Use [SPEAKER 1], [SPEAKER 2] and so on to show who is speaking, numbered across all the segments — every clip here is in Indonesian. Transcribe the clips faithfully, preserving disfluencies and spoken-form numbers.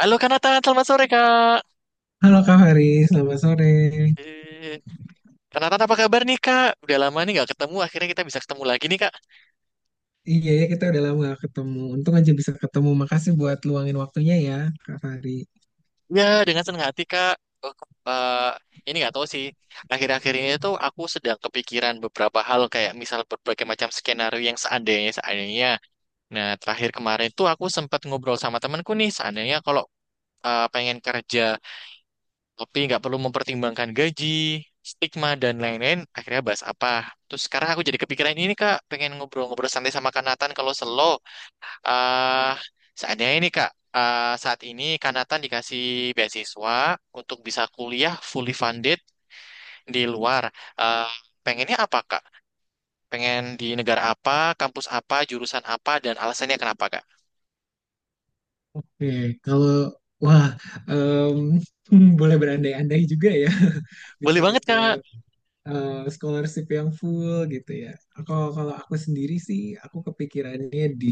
[SPEAKER 1] Halo Kanatan, selamat sore Kak.
[SPEAKER 2] Halo Kak Faris, selamat sore.
[SPEAKER 1] Eh, Kanatan apa kabar nih Kak? Udah lama nih nggak ketemu, akhirnya kita bisa ketemu lagi nih Kak.
[SPEAKER 2] Iya ya, kita udah lama gak ketemu. Untung aja bisa ketemu. Makasih buat luangin waktunya ya Kak Fari.
[SPEAKER 1] Ya, dengan senang hati Kak. Oh, ke- eh, ini nggak tahu sih, akhir-akhir ini tuh aku sedang kepikiran beberapa hal kayak misal berbagai macam skenario yang seandainya, seandainya. Nah, terakhir kemarin tuh aku sempat ngobrol sama temanku nih, seandainya kalau eh, pengen kerja tapi nggak perlu mempertimbangkan gaji, stigma dan lain-lain. Akhirnya bahas apa? Terus sekarang aku jadi kepikiran ini Kak, pengen ngobrol-ngobrol santai sama Kanatan kalau selo. ah Seandainya ini Kak, ah, saat ini Kanatan dikasih beasiswa untuk bisa kuliah fully funded di luar. Ah, pengennya apa Kak? Pengen di negara apa, kampus apa, jurusan apa, dan alasannya kenapa Kak?
[SPEAKER 2] Oke, kalau wah em, boleh berandai-andai juga ya bisa
[SPEAKER 1] Boleh banget Kak.
[SPEAKER 2] dapet eh, scholarship yang full gitu ya. Kalau kalau aku sendiri sih, aku kepikirannya di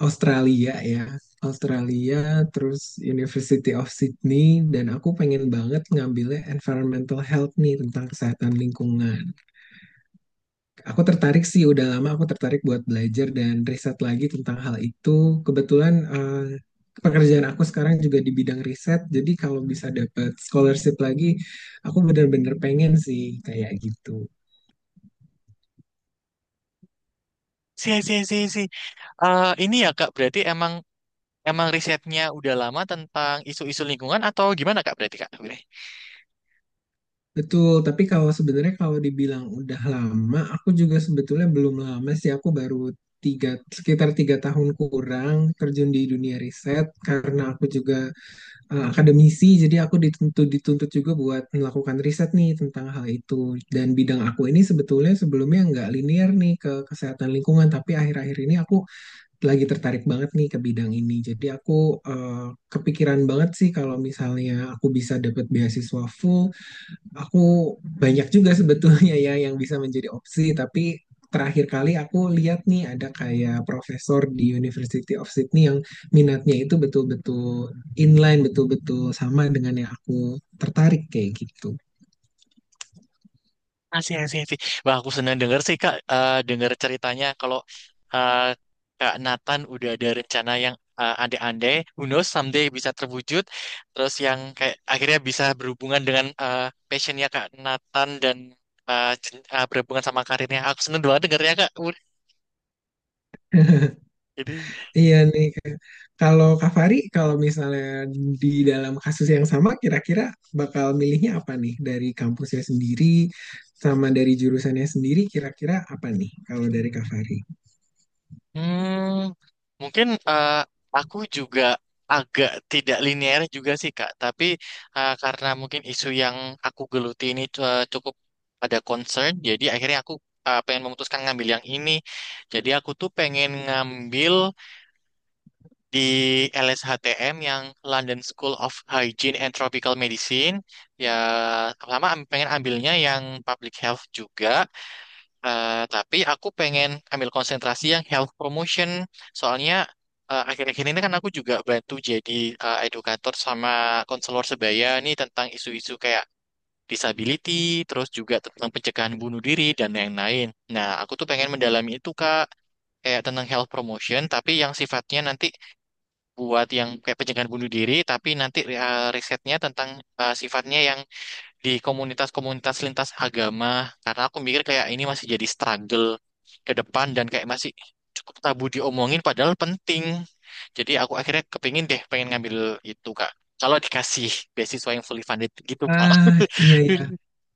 [SPEAKER 2] Australia ya. Australia, terus University of Sydney, dan aku pengen banget ngambilnya environmental health nih, tentang kesehatan lingkungan. Aku tertarik sih, udah lama aku tertarik buat belajar dan riset lagi tentang hal itu. Kebetulan eh, pekerjaan aku sekarang juga di bidang riset, jadi kalau bisa dapat scholarship lagi, aku benar-benar pengen sih kayak gitu.
[SPEAKER 1] Si, si, si, si. Eh, ini ya Kak, berarti emang Emang risetnya udah lama tentang isu-isu lingkungan atau gimana Kak berarti Kak?
[SPEAKER 2] Betul, tapi kalau sebenarnya kalau dibilang udah lama, aku juga sebetulnya belum lama sih, aku baru tiga, sekitar tiga tahun kurang terjun di dunia riset, karena aku juga eh, akademisi, jadi aku dituntut dituntut juga buat melakukan riset nih tentang hal itu. Dan bidang aku ini sebetulnya sebelumnya nggak linear nih ke kesehatan lingkungan, tapi akhir-akhir ini aku lagi tertarik banget nih ke bidang ini. Jadi aku eh, kepikiran banget sih kalau misalnya aku bisa dapat beasiswa full. Aku banyak juga sebetulnya ya yang bisa menjadi opsi, tapi terakhir kali aku lihat nih, ada kayak profesor di University of Sydney yang minatnya itu betul-betul inline, betul-betul sama dengan yang aku tertarik kayak gitu.
[SPEAKER 1] Asih, asih, asih. Wah, aku senang denger sih Kak, eh denger ceritanya kalau eh, Kak Nathan udah ada rencana yang eh, andai-andai, who knows, someday bisa terwujud, terus yang kayak akhirnya bisa berhubungan dengan eh, passionnya Kak Nathan dan eh, jen- eh, berhubungan sama karirnya. Aku senang banget dengernya Kak. Jadi
[SPEAKER 2] Iya nih, Kak. Kalau Kak Fari, kalau misalnya di dalam kasus yang sama, kira-kira bakal milihnya apa nih? Dari kampusnya sendiri, sama dari jurusannya sendiri, kira-kira apa nih kalau dari Kak Fari?
[SPEAKER 1] Hmm, mungkin eh, aku juga agak tidak linear juga sih Kak, tapi eh, karena mungkin isu yang aku geluti ini cu- cukup ada concern, jadi akhirnya aku eh, pengen memutuskan ngambil yang ini. Jadi aku tuh pengen ngambil di L S H T M yang London School of Hygiene and Tropical Medicine. Ya, sama am- pengen ambilnya yang public health juga. Eh, tapi aku pengen ambil konsentrasi yang health promotion. Soalnya eh, akhir-akhir ini kan aku juga bantu jadi eh, edukator sama konselor sebaya nih tentang isu-isu kayak disability, terus juga tentang pencegahan bunuh diri dan yang lain. Nah, aku tuh pengen mendalami itu Kak, kayak tentang health promotion, tapi yang sifatnya nanti buat yang kayak pencegahan bunuh diri, tapi nanti eh, risetnya tentang eh, sifatnya yang di komunitas-komunitas lintas agama karena aku mikir kayak ini masih jadi struggle ke depan dan kayak masih cukup tabu diomongin padahal penting. Jadi aku akhirnya kepingin deh pengen ngambil itu Kak. Kalau dikasih beasiswa yang fully funded gitu
[SPEAKER 2] Ah,
[SPEAKER 1] Kak.
[SPEAKER 2] iya, iya.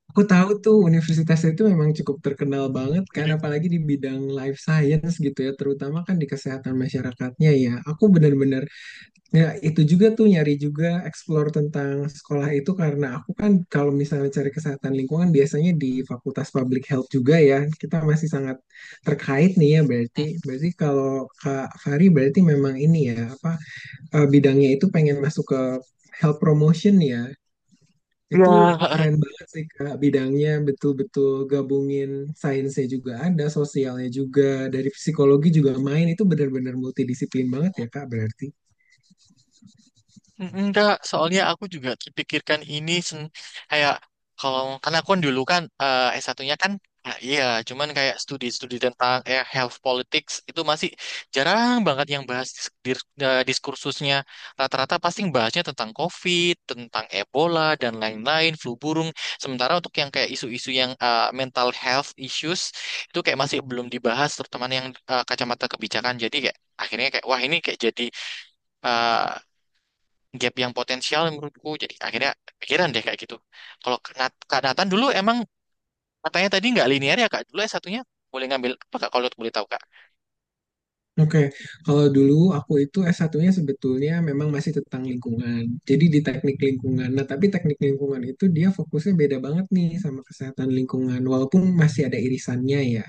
[SPEAKER 2] Aku tahu tuh universitasnya itu memang cukup terkenal banget kan, apalagi di bidang life science gitu ya, terutama kan di kesehatan masyarakatnya ya. Aku benar-benar ya itu juga tuh nyari juga, explore tentang sekolah itu, karena aku kan kalau misalnya cari kesehatan lingkungan biasanya di Fakultas Public Health juga ya. Kita masih sangat terkait nih ya berarti. Berarti kalau Kak Fari berarti memang ini ya apa eh, bidangnya itu pengen masuk ke health promotion ya. Itu
[SPEAKER 1] Ya,
[SPEAKER 2] keren banget sih Kak, bidangnya betul-betul gabungin sainsnya juga ada, sosialnya juga, dari psikologi juga main, itu benar-benar multidisiplin banget ya Kak berarti.
[SPEAKER 1] Mm, enggak, soalnya aku juga pikirkan ini sen- kayak kalau karena aku kan dulu kan eh, s satu kan ah, iya, cuman kayak studi-studi tentang eh, health politics itu masih jarang banget yang bahas dis- dir- eh, diskursusnya. Rata-rata pasti bahasnya tentang COVID, tentang Ebola dan lain-lain, flu burung. Sementara untuk yang kayak isu-isu yang eh, mental health issues itu kayak masih belum dibahas, terutama yang eh, kacamata kebijakan. Jadi kayak akhirnya kayak wah ini kayak jadi eh, gap yang potensial menurutku. Jadi akhirnya pikiran deh kayak gitu. Kalau Kak Nat- Kak Nathan dulu emang katanya tadi nggak linear ya Kak? Dulu s satunya boleh ngambil apa Kak kalau boleh tahu Kak?
[SPEAKER 2] Oke, kalau dulu aku itu S satunya sebetulnya memang masih tentang lingkungan, jadi di teknik lingkungan. Nah, tapi teknik lingkungan itu dia fokusnya beda banget nih sama kesehatan lingkungan, walaupun masih ada irisannya ya.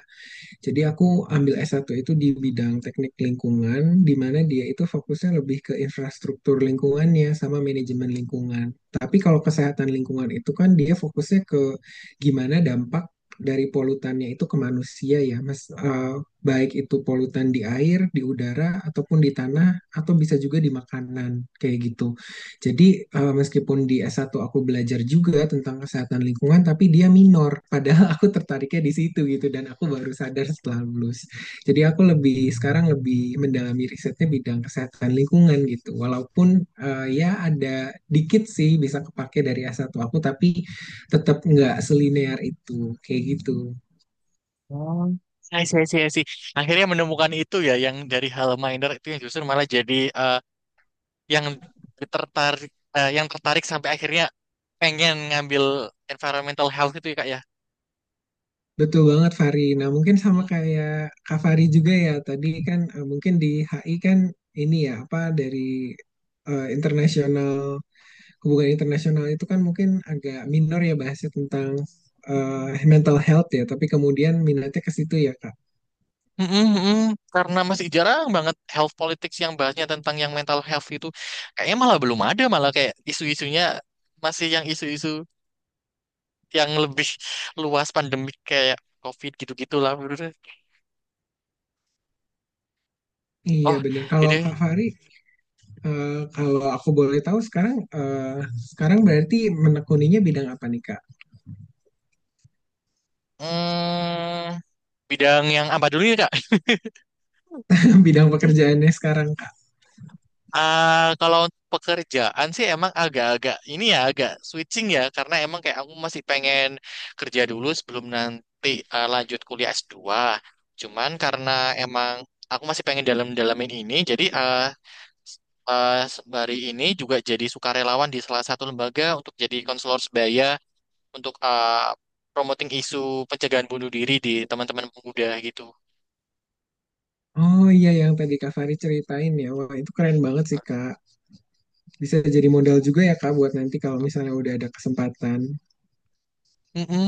[SPEAKER 2] Jadi aku ambil S satu itu di bidang teknik lingkungan, di mana dia itu fokusnya lebih ke infrastruktur lingkungannya sama manajemen lingkungan. Tapi kalau kesehatan lingkungan itu kan dia fokusnya ke gimana dampak dari polutannya itu ke manusia ya, Mas. Eh, baik itu polutan di air, di udara, ataupun di tanah, atau bisa juga di makanan, kayak gitu. Jadi eh, meskipun di S satu aku belajar juga tentang kesehatan lingkungan, tapi dia minor. Padahal aku tertariknya di situ gitu, dan aku baru sadar setelah lulus. Jadi aku lebih sekarang lebih mendalami risetnya bidang kesehatan lingkungan gitu. Walaupun eh, ya ada dikit sih bisa kepake dari S satu aku, tapi tetap nggak selinear itu kayak gitu.
[SPEAKER 1] Oh, I see, I see, I see. Akhirnya menemukan itu ya yang dari hal minor itu yang justru malah jadi eh, yang tertarik eh, yang tertarik sampai akhirnya pengen ngambil environmental health itu ya Kak
[SPEAKER 2] Betul banget Fari. Nah mungkin sama
[SPEAKER 1] ya.
[SPEAKER 2] kayak Kak Fari juga ya, tadi kan eh, mungkin di H I kan ini ya apa dari eh, internasional, hubungan internasional itu kan mungkin agak minor ya bahasnya tentang eh, mental health ya. Tapi kemudian minatnya ke situ ya Kak.
[SPEAKER 1] Mm-mm, mm-mm. Karena masih jarang banget health politics yang bahasnya tentang yang mental health itu. Kayaknya malah belum ada, malah kayak isu-isunya masih yang isu-isu yang lebih luas pandemik kayak COVID gitu-gitu lah menurut saya.
[SPEAKER 2] Iya
[SPEAKER 1] Oh,
[SPEAKER 2] benar. Kalau
[SPEAKER 1] ini
[SPEAKER 2] Kak Fari, eh, kalau aku boleh tahu sekarang eh, sekarang berarti menekuninya bidang apa nih Kak?
[SPEAKER 1] hmm, bidang yang apa dulu ya, Kak?
[SPEAKER 2] Bidang pekerjaannya sekarang Kak.
[SPEAKER 1] Ah, kalau untuk pekerjaan sih emang agak-agak ini ya agak switching ya karena emang kayak aku masih pengen kerja dulu sebelum nanti ah, lanjut kuliah S dua. Cuman karena emang aku masih pengen dalam-dalamin ini jadi ah, eh hari ini juga jadi sukarelawan di salah satu lembaga untuk jadi konselor sebaya untuk eh, promoting isu pencegahan bunuh diri di teman-teman pemuda gitu.
[SPEAKER 2] Oh iya, yang tadi Kak Fari ceritain ya. Wah itu keren banget sih Kak, bisa jadi modal juga ya Kak buat nanti kalau misalnya udah ada kesempatan.
[SPEAKER 1] Mm-mm.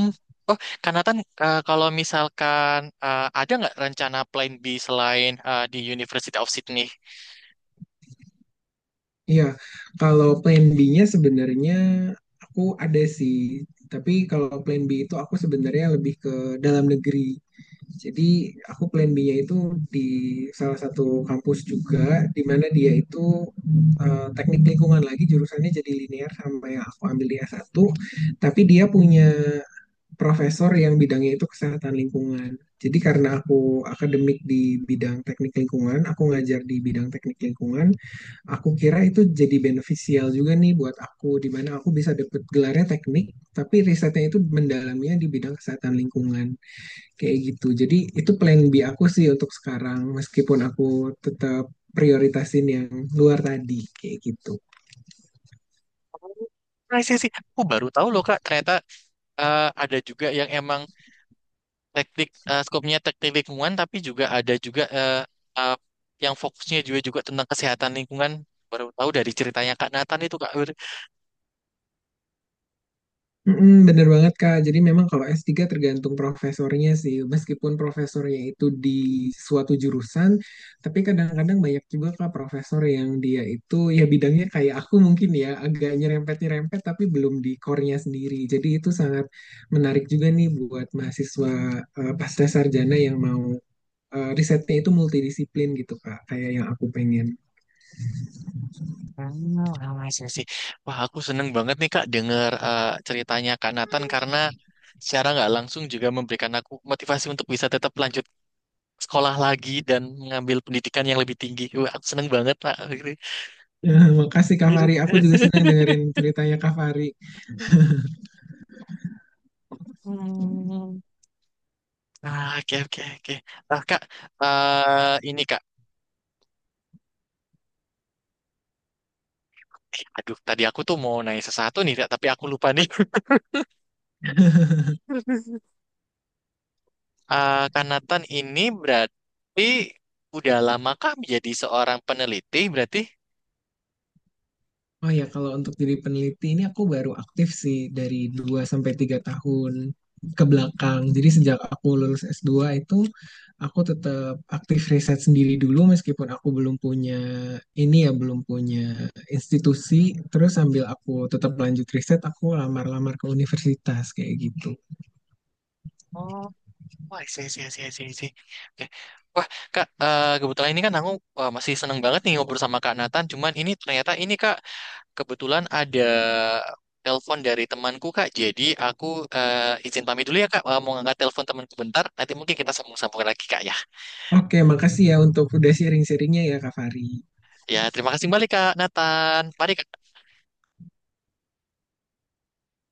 [SPEAKER 1] Oh, Kanatan. Eh, kalau misalkan eh, ada nggak rencana plan B selain eh, di University of Sydney?
[SPEAKER 2] Iya, kalau plan B-nya sebenarnya aku ada sih. Tapi kalau plan B itu aku sebenarnya lebih ke dalam negeri. Jadi aku plan B-nya itu di salah satu kampus juga, di mana dia itu eh, teknik lingkungan lagi jurusannya, jadi linear sama yang aku ambil di S satu. Tapi dia punya profesor yang bidangnya itu kesehatan lingkungan. Jadi karena aku akademik di bidang teknik lingkungan, aku ngajar di bidang teknik lingkungan, aku kira itu jadi benefisial juga nih buat aku, di mana aku bisa dapet gelarnya teknik, tapi risetnya itu mendalamnya di bidang kesehatan lingkungan. Kayak gitu. Jadi itu plan B aku sih untuk sekarang, meskipun aku tetap prioritasin yang luar tadi, kayak gitu.
[SPEAKER 1] Oh, I see, I see. Aku baru tahu loh Kak, ternyata eh, ada juga yang emang teknik eh, skopnya teknik lingkungan, tapi juga ada juga eh, eh, yang fokusnya juga juga tentang kesehatan lingkungan. Baru tahu dari ceritanya Kak Nathan itu Kak.
[SPEAKER 2] Mm-mm, bener banget Kak. Jadi memang kalau S tiga tergantung profesornya sih. Meskipun profesornya itu di suatu jurusan, tapi kadang-kadang banyak juga Kak profesor yang dia itu ya bidangnya kayak aku mungkin ya agak nyerempet-nyerempet tapi belum di core-nya sendiri. Jadi itu sangat menarik juga nih buat mahasiswa eh, pasca sarjana yang mau eh, risetnya itu multidisiplin gitu Kak, kayak yang aku pengen.
[SPEAKER 1] Hmm, ramai sesi. Wah, aku seneng banget nih Kak denger eh, ceritanya Kak Nathan karena secara nggak langsung juga memberikan aku motivasi untuk bisa tetap lanjut sekolah lagi dan mengambil pendidikan yang lebih tinggi. Wah, aku seneng banget Kak.
[SPEAKER 2] makasih Kak Fari. Aku juga senang dengerin ceritanya Kak Fari.
[SPEAKER 1] Hmm. Ah, Oke, oke, oke. Nah, Kak, eh, ini Kak. Eh, aduh, tadi aku tuh mau nanya sesuatu nih, Kak, tapi aku lupa nih. Eh, Kak Nathan ini berarti udah lama kak menjadi seorang peneliti berarti?
[SPEAKER 2] Oh ya, kalau untuk jadi peneliti ini aku baru aktif sih dari dua sampai tiga tahun ke belakang. Jadi sejak aku lulus S dua itu aku tetap aktif riset sendiri dulu meskipun aku belum punya ini ya belum punya institusi. Terus sambil aku tetap lanjut riset, aku lamar-lamar ke universitas kayak gitu.
[SPEAKER 1] Oh, wah, sih, sih, sih, sih, sih. Oke. Wah, Kak, eh, kebetulan ini kan aku eh, masih seneng banget nih ngobrol sama Kak Nathan. Cuman ini ternyata ini Kak, kebetulan ada telepon dari temanku Kak. Jadi aku eh, izin pamit dulu ya Kak. Eh, mau ngangkat telepon temanku bentar. Nanti mungkin kita sambung-sambung lagi Kak ya.
[SPEAKER 2] Oke, makasih ya untuk udah sharing-sharingnya ya Kak Fari.
[SPEAKER 1] Ya, terima kasih kembali Kak Nathan. Mari Kak.